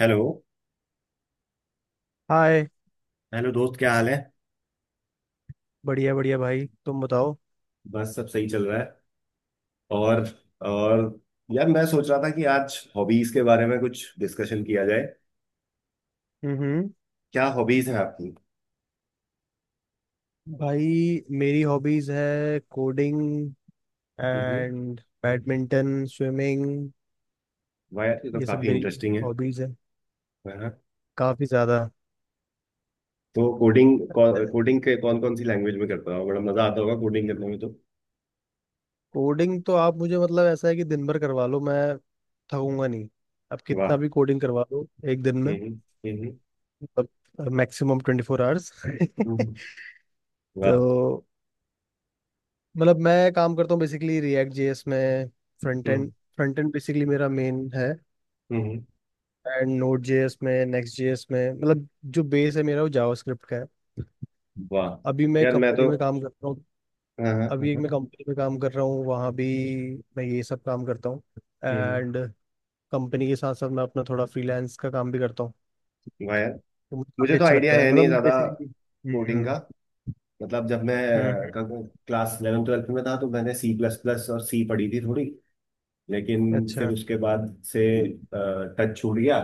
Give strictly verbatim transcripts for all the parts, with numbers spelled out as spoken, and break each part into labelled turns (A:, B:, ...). A: Hello.
B: Hi.
A: Hello दोस्त, क्या हाल है?
B: बढ़िया बढ़िया भाई, तुम बताओ।
A: बस सब सही चल रहा है। और और यार, मैं सोच रहा था कि आज हॉबीज के बारे में कुछ डिस्कशन किया जाए।
B: हम्म।
A: क्या हॉबीज हैं आपकी?
B: भाई, मेरी हॉबीज है coding
A: hmm.
B: And badminton, swimming.
A: वाह यार, ये तो
B: ये सब
A: काफी
B: मेरी
A: इंटरेस्टिंग है।
B: हॉबीज है,
A: हाँ,
B: काफी ज्यादा।
A: तो कोडिंग कोडिंग के कौन कौन सी लैंग्वेज में करता हो? बड़ा मजा आता होगा कोडिंग करने में तो।
B: कोडिंग तो आप मुझे मतलब ऐसा है कि दिन भर करवा लो, मैं थकूंगा नहीं। आप कितना
A: वाह।
B: भी कोडिंग करवा लो एक दिन में,
A: हम्म। हम्म।
B: मतलब मैक्सिमम ट्वेंटी फोर आवर्स
A: हम्म,
B: तो
A: वाह।
B: मतलब मैं काम करता हूँ बेसिकली रिएक्ट जे एस में, front
A: hmm.
B: End. Front end basically मेरा मेन है
A: हम्म,
B: एंड नोड जे एस में, नेक्स्ट जे एस में, मतलब जो बेस है मेरा वो जावास्क्रिप्ट का है।
A: वाह
B: अभी मैं
A: यार। मैं
B: कंपनी
A: तो
B: में काम कर रहा हूँ।
A: हाँ हाँ हाँ
B: अभी एक
A: हाँ।
B: मैं कंपनी में काम कर रहा हूँ, वहाँ भी मैं ये सब काम करता हूँ।
A: हम्म।
B: एंड कंपनी के साथ साथ मैं अपना थोड़ा फ्रीलांस का काम भी करता हूँ।
A: वाह यार,
B: तो मुझे
A: मुझे
B: काफ़ी
A: तो
B: अच्छा
A: आइडिया
B: लगता है,
A: है
B: मतलब
A: नहीं ज्यादा
B: बेसिकली।
A: कोडिंग का।
B: हम्म
A: मतलब जब मैं
B: हम्म हम्म।
A: क्लास इलेवन ट्वेल्थ में था तो मैंने सी प्लस प्लस और सी पढ़ी थी थोड़ी। लेकिन फिर
B: अच्छा।
A: उसके बाद से टच छूट गया।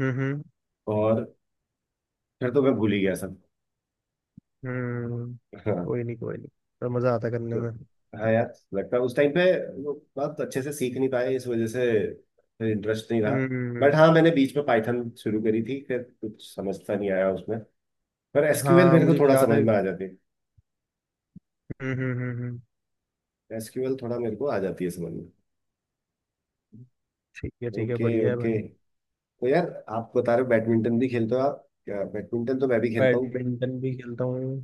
B: हम्म हम्म
A: और फिर तो मैं भूल ही गया सब।
B: हम्म।
A: हाँ।
B: कोई नहीं कोई नहीं, पर मज़ा आता है करने में।
A: तो, हाँ यार, लगता है उस टाइम पे वो बहुत अच्छे से सीख नहीं पाए, इस वजह से फिर इंटरेस्ट नहीं रहा। बट
B: हम्म।
A: हाँ, मैंने बीच में पाइथन शुरू करी थी, फिर कुछ समझता नहीं आया उसमें। पर एसक्यूएल
B: हाँ
A: मेरे को
B: मुझे
A: थोड़ा
B: याद
A: समझ
B: है।
A: में आ जाती है।
B: हम्म हम्म हम्म हम्म।
A: एसक्यूएल थोड़ा मेरे को आ जाती है समझ में।
B: ठीक है ठीक है,
A: ओके
B: बढ़िया है
A: ओके।
B: भाई।
A: तो यार, आप बता रहे हो बैडमिंटन भी खेलते हो आप? क्या, बैडमिंटन तो मैं भी खेलता हूँ।
B: बैडमिंटन भी खेलता हूँ।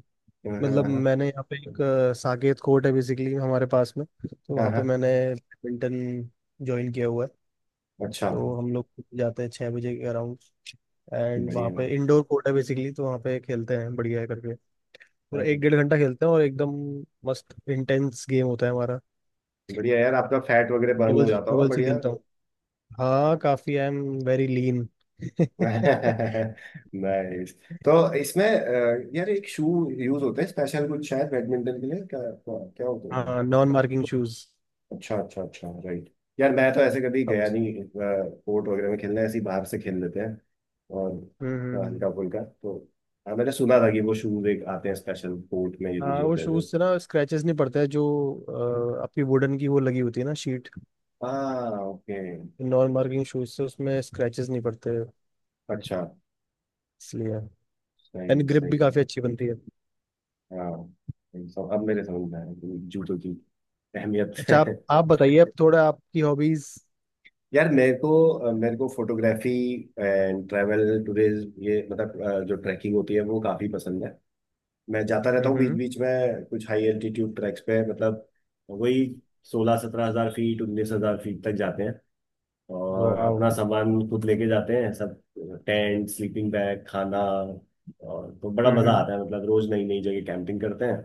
A: हाँ
B: मतलब
A: हाँ
B: मैंने यहाँ पे एक अ, साकेत कोर्ट है बेसिकली हमारे पास में, तो
A: हाँ
B: वहाँ
A: हाँ,
B: पे
A: हाँ।
B: मैंने बैडमिंटन ज्वाइन किया हुआ है।
A: अच्छा।
B: तो हम लोग जाते हैं छः बजे के अराउंड, एंड वहाँ
A: बढ़िया।
B: पे इंडोर कोर्ट है बेसिकली, तो वहाँ पे खेलते हैं बढ़िया करके। पूरा एक
A: हाँ।
B: डेढ़ घंटा खेलते हैं और एकदम मस्त इंटेंस गेम होता है हमारा।
A: बढ़िया यार, आपका फैट वगैरह बर्न
B: डबल
A: हो जाता होगा,
B: डबल से
A: बढ़िया।
B: खेलता हूँ। हाँ, काफ़ी I am very lean
A: nice. तो इसमें अ, यार, एक शू यूज होता है स्पेशल कुछ शायद बैडमिंटन के लिए? क्या क्या क्या होता है?
B: हाँ, नॉन मार्किंग शूज।
A: अच्छा अच्छा अच्छा, राइट। यार मैं तो ऐसे कभी गया नहीं कोर्ट वगैरह में खेलने, ऐसे ही बाहर से खेल लेते हैं। और
B: हम्म
A: अ,
B: हम्म।
A: हल्का फुल्का तो। हाँ, मैंने सुना था कि वो शूज एक आते हैं स्पेशल कोर्ट में यूज
B: हाँ, वो
A: होते हैं जो।
B: शूज से ना स्क्रैचेस नहीं पड़ते हैं, जो अ, आपकी वुडन की वो लगी होती है ना, शीट।
A: हाँ, ओके।
B: नॉन मार्किंग शूज से उसमें स्क्रैचेस नहीं पड़ते,
A: अच्छा।
B: इसलिए। एंड
A: सही
B: ग्रिप
A: सही
B: भी
A: है।
B: काफी अच्छी बनती है।
A: हाँ सही, सब अब मेरे समझ में आया कि जूतों की अहमियत
B: अच्छा,
A: है।
B: आप आप बताइए अब थोड़ा आपकी हॉबीज।
A: यार मेरे को अ, मेरे को फोटोग्राफी एंड ट्रैवल टूरिज्म, ये मतलब अ, जो ट्रैकिंग होती है वो काफ़ी पसंद है। मैं जाता रहता हूँ बीच
B: हम्म।
A: बीच में, कुछ हाई एल्टीट्यूड ट्रैक्स पे। मतलब वही, सोलह सत्रह हजार फीट, उन्नीस हजार फीट तक जाते हैं, और
B: वाओ।
A: अपना सामान खुद लेके जाते हैं सब। टेंट, स्लीपिंग बैग, खाना। और तो बड़ा मजा
B: हम्म
A: आता है, मतलब रोज नई नई जगह कैंपिंग करते हैं।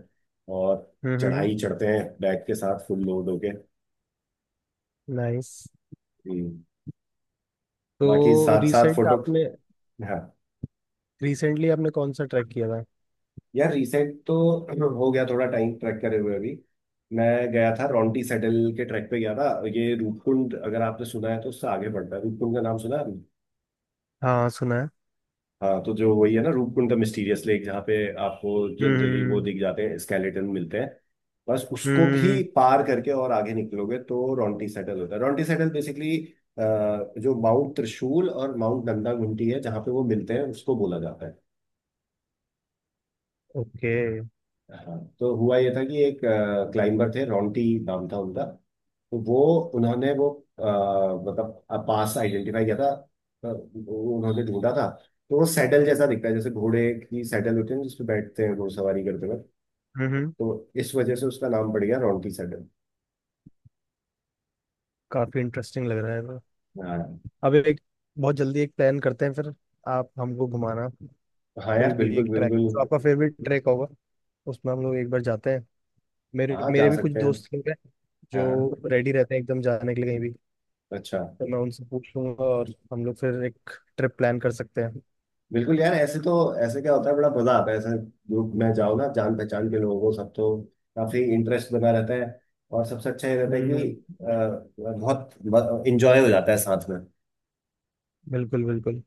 A: और
B: हम्म।
A: चढ़ाई चढ़ते हैं बैग के साथ फुल लोड होके।
B: नाइस।
A: हम्म। बाकी
B: तो
A: साथ साथ
B: रिसेंट
A: फोटो।
B: आपने,
A: हाँ।
B: रिसेंटली आपने कौन सा ट्रैक किया था।
A: यार रिसेंट तो हो गया थोड़ा टाइम ट्रैक करे हुए अभी। मैं गया था,
B: हम्म।
A: रॉन्टी सेडल के ट्रैक पे गया था। ये रूपकुंड, अगर आपने सुना है तो उससे आगे बढ़ता है। रूपकुंड का नाम सुना है आपने?
B: हाँ सुना है।
A: हाँ तो जो वही है ना रूपकुंड द मिस्टीरियस लेक, जहाँ पे आपको जनरली वो
B: हम्म
A: दिख जाते हैं, स्केलेटन मिलते हैं। बस उसको भी
B: हम्म।
A: पार करके और आगे निकलोगे तो रॉन्टी सेटल होता है। रॉन्टी सेटल बेसिकली जो माउंट त्रिशूल और माउंट नंदा घुंटी है, जहाँ पे वो मिलते हैं उसको बोला जाता है।
B: ओके।
A: हाँ तो हुआ ये था कि एक क्लाइंबर थे, रॉन्टी नाम था उनका। तो वो, उन्होंने वो अ, मतलब पास आइडेंटिफाई किया था। अ, वो उन्होंने ढूंढा था। तो वो सैडल जैसा दिखता है, जैसे घोड़े की सैडल होती है जिस पे बैठते हैं घुड़सवारी करते वक्त।
B: हम्म।
A: तो इस वजह से उसका नाम पड़ गया रॉन्टी सैडल।
B: काफी इंटरेस्टिंग लग रहा है।
A: हाँ।
B: अब एक बहुत जल्दी एक प्लान करते हैं, फिर आप हमको घुमाना
A: हाँ
B: कोई
A: यार,
B: भी
A: बिल्कुल
B: एक ट्रैक
A: बिल्कुल
B: जो आपका फेवरेट ट्रैक होगा, उसमें हम लोग एक बार जाते हैं। मेरे
A: हाँ जा
B: मेरे भी कुछ
A: सकते हैं।
B: दोस्त लोग हैं
A: हाँ।
B: जो रेडी रहते हैं एकदम जाने के लिए कहीं भी।
A: अच्छा।
B: तो मैं उनसे पूछ लूंगा और हम लोग फिर एक ट्रिप प्लान कर सकते हैं।
A: बिल्कुल यार ऐसे तो ऐसे क्या होता है, बड़ा मजा आता है ऐसे ग्रुप में जाओ ना, जान पहचान के लोगों सब तो काफी इंटरेस्ट बना रहता है। और सबसे अच्छा ये रहता है
B: हम्म।
A: कि अ, बहुत इंजॉय हो जाता है साथ में।
B: बिल्कुल बिल्कुल।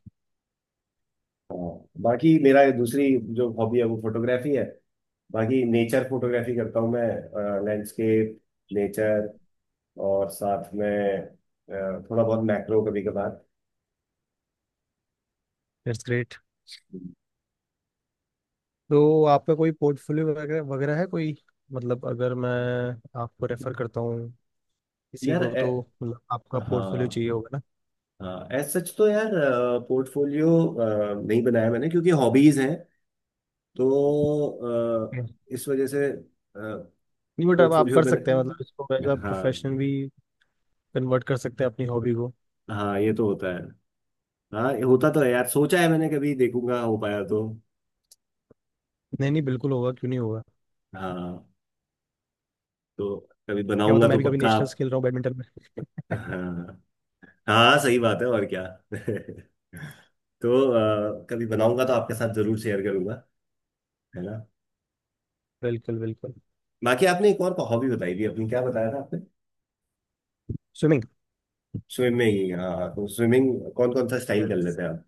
A: हाँ, बाकी मेरा ये दूसरी जो हॉबी है वो फोटोग्राफी है। बाकी नेचर फोटोग्राफी करता हूँ मैं। लैंडस्केप, नेचर, और साथ में अ, थोड़ा बहुत मैक्रो कभी कभार।
B: That's great. तो आपका कोई पोर्टफोलियो वगैरह वगैरह है कोई, मतलब अगर मैं आपको रेफर करता हूँ किसी
A: यार
B: को
A: ए,
B: तो, मतलब आपका पोर्टफोलियो चाहिए
A: हाँ।
B: होगा
A: हाँ एज सच तो यार, पोर्टफोलियो नहीं बनाया मैंने क्योंकि हॉबीज हैं तो, अ,
B: ना।
A: इस वजह से।
B: नहीं, बट अब आप
A: पोर्टफोलियो
B: कर
A: बना,
B: सकते हैं, मतलब इसको एज अ
A: हाँ।
B: प्रोफेशन भी कन्वर्ट कर सकते हैं अपनी हॉबी को।
A: हाँ ये तो होता है। हाँ ये होता तो है यार, सोचा है मैंने, कभी देखूंगा हो पाया तो।
B: नहीं नहीं, बिल्कुल होगा, क्यों नहीं होगा।
A: हाँ। तो कभी
B: क्या होता,
A: बनाऊंगा
B: मैं
A: तो
B: भी कभी
A: पक्का
B: नेशनल
A: आप।
B: खेल रहा हूँ बैडमिंटन में।
A: हाँ हाँ, सही बात है। और क्या। तो अ, कभी बनाऊंगा तो आपके साथ जरूर शेयर करूंगा, है ना।
B: बिल्कुल बिल्कुल।
A: बाकी आपने एक और हॉबी बताई थी अपनी, क्या बताया था?
B: स्विमिंग।
A: स्विमिंग, हाँ। तो स्विमिंग कौन कौन सा स्टाइल कर लेते हैं आप?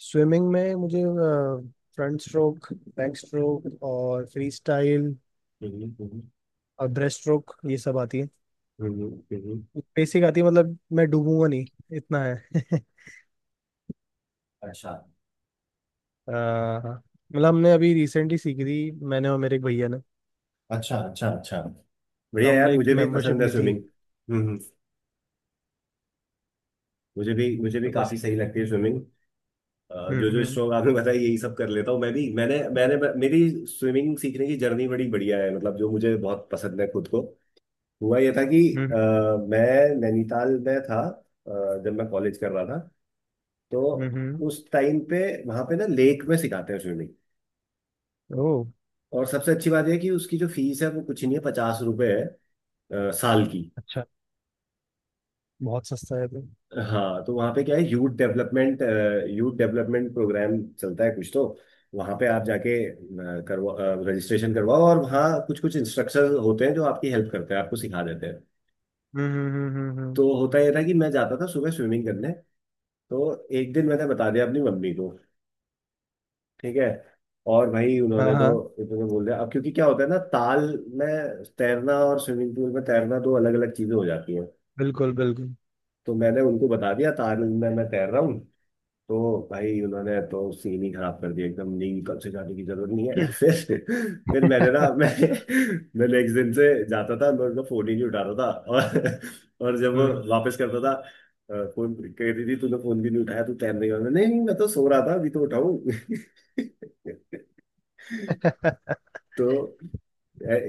B: स्विमिंग में मुझे फ्रंट स्ट्रोक, बैक स्ट्रोक और फ्री स्टाइल
A: हम्म, हम्म।
B: और ब्रेस्ट स्ट्रोक, ये सब आती है।
A: हम्म हम्म।
B: बेसिक आती है, मतलब मैं डूबूंगा नहीं इतना है
A: अच्छा
B: अ, मतलब हमने अभी रिसेंटली सीखी थी मैंने और मेरे एक भैया ने।
A: अच्छा अच्छा। अच्छा
B: तो
A: बढ़िया यार,
B: हमने एक
A: मुझे भी
B: मेंबरशिप
A: पसंद है
B: ली थी।
A: स्विमिंग। हम्म हम्म। मुझे भी, मुझे भी
B: तो
A: काफी
B: बस।
A: सही लगती है स्विमिंग।
B: हम्म
A: जो जो
B: हम्म
A: स्ट्रोक आपने बताया यही सब कर लेता हूँ मैं भी। मैंने मैंने मेरी स्विमिंग सीखने की जर्नी बड़ी बढ़िया है, मतलब जो मुझे बहुत पसंद है खुद को। हुआ ये था कि
B: हम्म
A: अ, मैं नैनीताल में था, अ, जब मैं कॉलेज कर रहा था।
B: हम्म
A: तो
B: हम्म।
A: उस टाइम पे वहां पे ना लेक में सिखाते हैं स्विमिंग।
B: ओह।
A: और सबसे अच्छी बात यह कि उसकी जो फीस है वो कुछ नहीं है, पचास रुपए है अ, साल की।
B: अच्छा। बहुत सस्ता है भाई।
A: हाँ तो वहाँ पे क्या है, youth development, youth development program चलता है कुछ। तो वहाँ पे आप जाके अ, करवा रजिस्ट्रेशन करवाओ, और वहाँ कुछ कुछ इंस्ट्रक्टर होते हैं जो आपकी हेल्प करते हैं, आपको सिखा देते हैं।
B: हम्म हम्म हम्म हम्म, हम्म।
A: तो होता यह था कि मैं जाता था सुबह स्विमिंग करने। तो एक दिन मैंने बता दिया अपनी मम्मी को, ठीक है। और भाई
B: हाँ
A: उन्होंने तो
B: हाँ।
A: इतने बोल दिया। अब क्योंकि क्या होता है ना, ताल में तैरना और स्विमिंग पूल में तैरना दो अलग अलग चीजें हो जाती हैं।
B: बिल्कुल बिल्कुल
A: तो मैंने उनको बता दिया था आनंद में मैं तैर रहा हूँ। तो भाई उन्होंने तो सीन ही खराब कर दिया एकदम, नहीं कल से जाने की जरूरत नहीं है। फिर फिर मैंने ना मैं मैं नेक्स्ट दिन से जाता था, मैं उनका फोन ही नहीं उठाता था। और और जब वो
B: हम्म
A: वापस करता था अ, फोन, कह रही थी तूने फोन भी नहीं उठाया, तू तैरने गया? मैंने, नहीं नहीं मैं तो सो रहा था अभी तो उठाऊं तो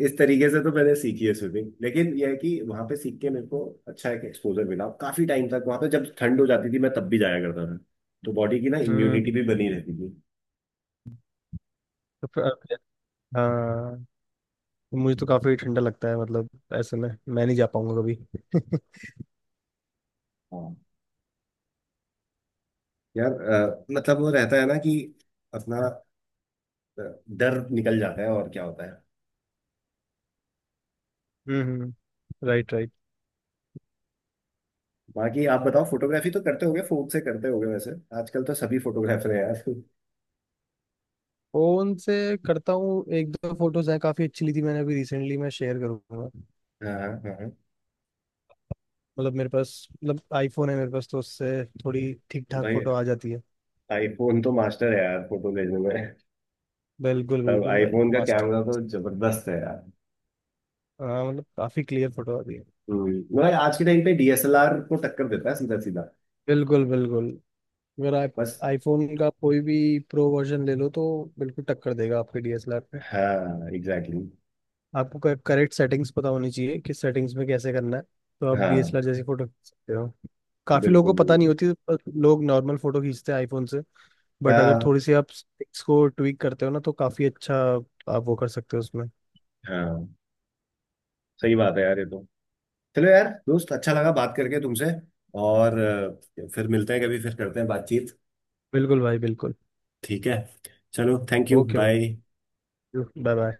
A: इस तरीके से तो मैंने सीखी है स्विमिंग। लेकिन यह है कि वहां पे सीख के मेरे को अच्छा एक एक्सपोजर मिला, काफी टाइम तक वहां पे जब ठंड हो जाती थी मैं तब भी जाया करता था। तो बॉडी की ना
B: हम्म।
A: इम्यूनिटी भी बनी रहती थी।
B: तो फिर- फिर- हाँ, तो मुझे तो काफी ठंडा लगता है, मतलब ऐसे में मैं नहीं जा पाऊंगा कभी
A: हाँ यार, अ, मतलब वो रहता है ना कि अपना अ, डर निकल जाता है, और क्या होता है।
B: हम्म। Right right.
A: बाकी आप बताओ, फोटोग्राफी तो करते होगे, फोन से करते होगे वैसे, आजकल तो सभी फोटोग्राफर हैं यार।
B: फोन से करता हूँ, एक दो फोटोज हैं काफी अच्छी ली थी मैंने अभी रिसेंटली, मैं शेयर करूंगा।
A: हाँ हाँ हाँ।
B: मतलब मेरे पास मतलब आईफोन है मेरे पास, तो उससे थोड़ी ठीक ठाक
A: भाई,
B: फोटो आ जाती है।
A: आईफोन तो मास्टर है यार फोटो लेने में।
B: बिल्कुल
A: तब
B: बिल्कुल भाई,
A: आईफोन का
B: मस्त।
A: कैमरा तो जबरदस्त है।
B: हाँ, मतलब काफी क्लियर फोटो आती है।
A: हम्म, वह आज के टाइम पे डीएसएलआर को टक्कर देता है सीधा सीधा।
B: बिल्कुल बिल्कुल। अगर आप
A: बस।
B: आईफोन का कोई भी प्रो वर्जन ले लो, तो बिल्कुल टक्कर देगा आपके डी एस एल आर पे।
A: हाँ एग्जैक्टली।
B: आपको करेक्ट सेटिंग्स पता होनी चाहिए कि सेटिंग्स में कैसे करना है, तो आप
A: हाँ
B: डी एस एल आर जैसी फोटो खींच सकते हो। काफी
A: बिल्कुल
B: लोगों को पता
A: बिल्कुल
B: नहीं होती, पर लोग नॉर्मल फोटो खींचते हैं आईफोन से। बट अगर
A: हाँ
B: थोड़ी सी आप सेटिंग्स को ट्विक करते हो ना, तो काफी अच्छा आप वो कर सकते हो उसमें।
A: हाँ सही बात है यार ये तो। चलो यार दोस्त, अच्छा लगा बात करके तुमसे। और अ, फिर मिलते हैं कभी, फिर करते हैं बातचीत।
B: बिल्कुल भाई बिल्कुल।
A: ठीक है, चलो, थैंक यू,
B: ओके भाई।
A: बाय।
B: Bye bye.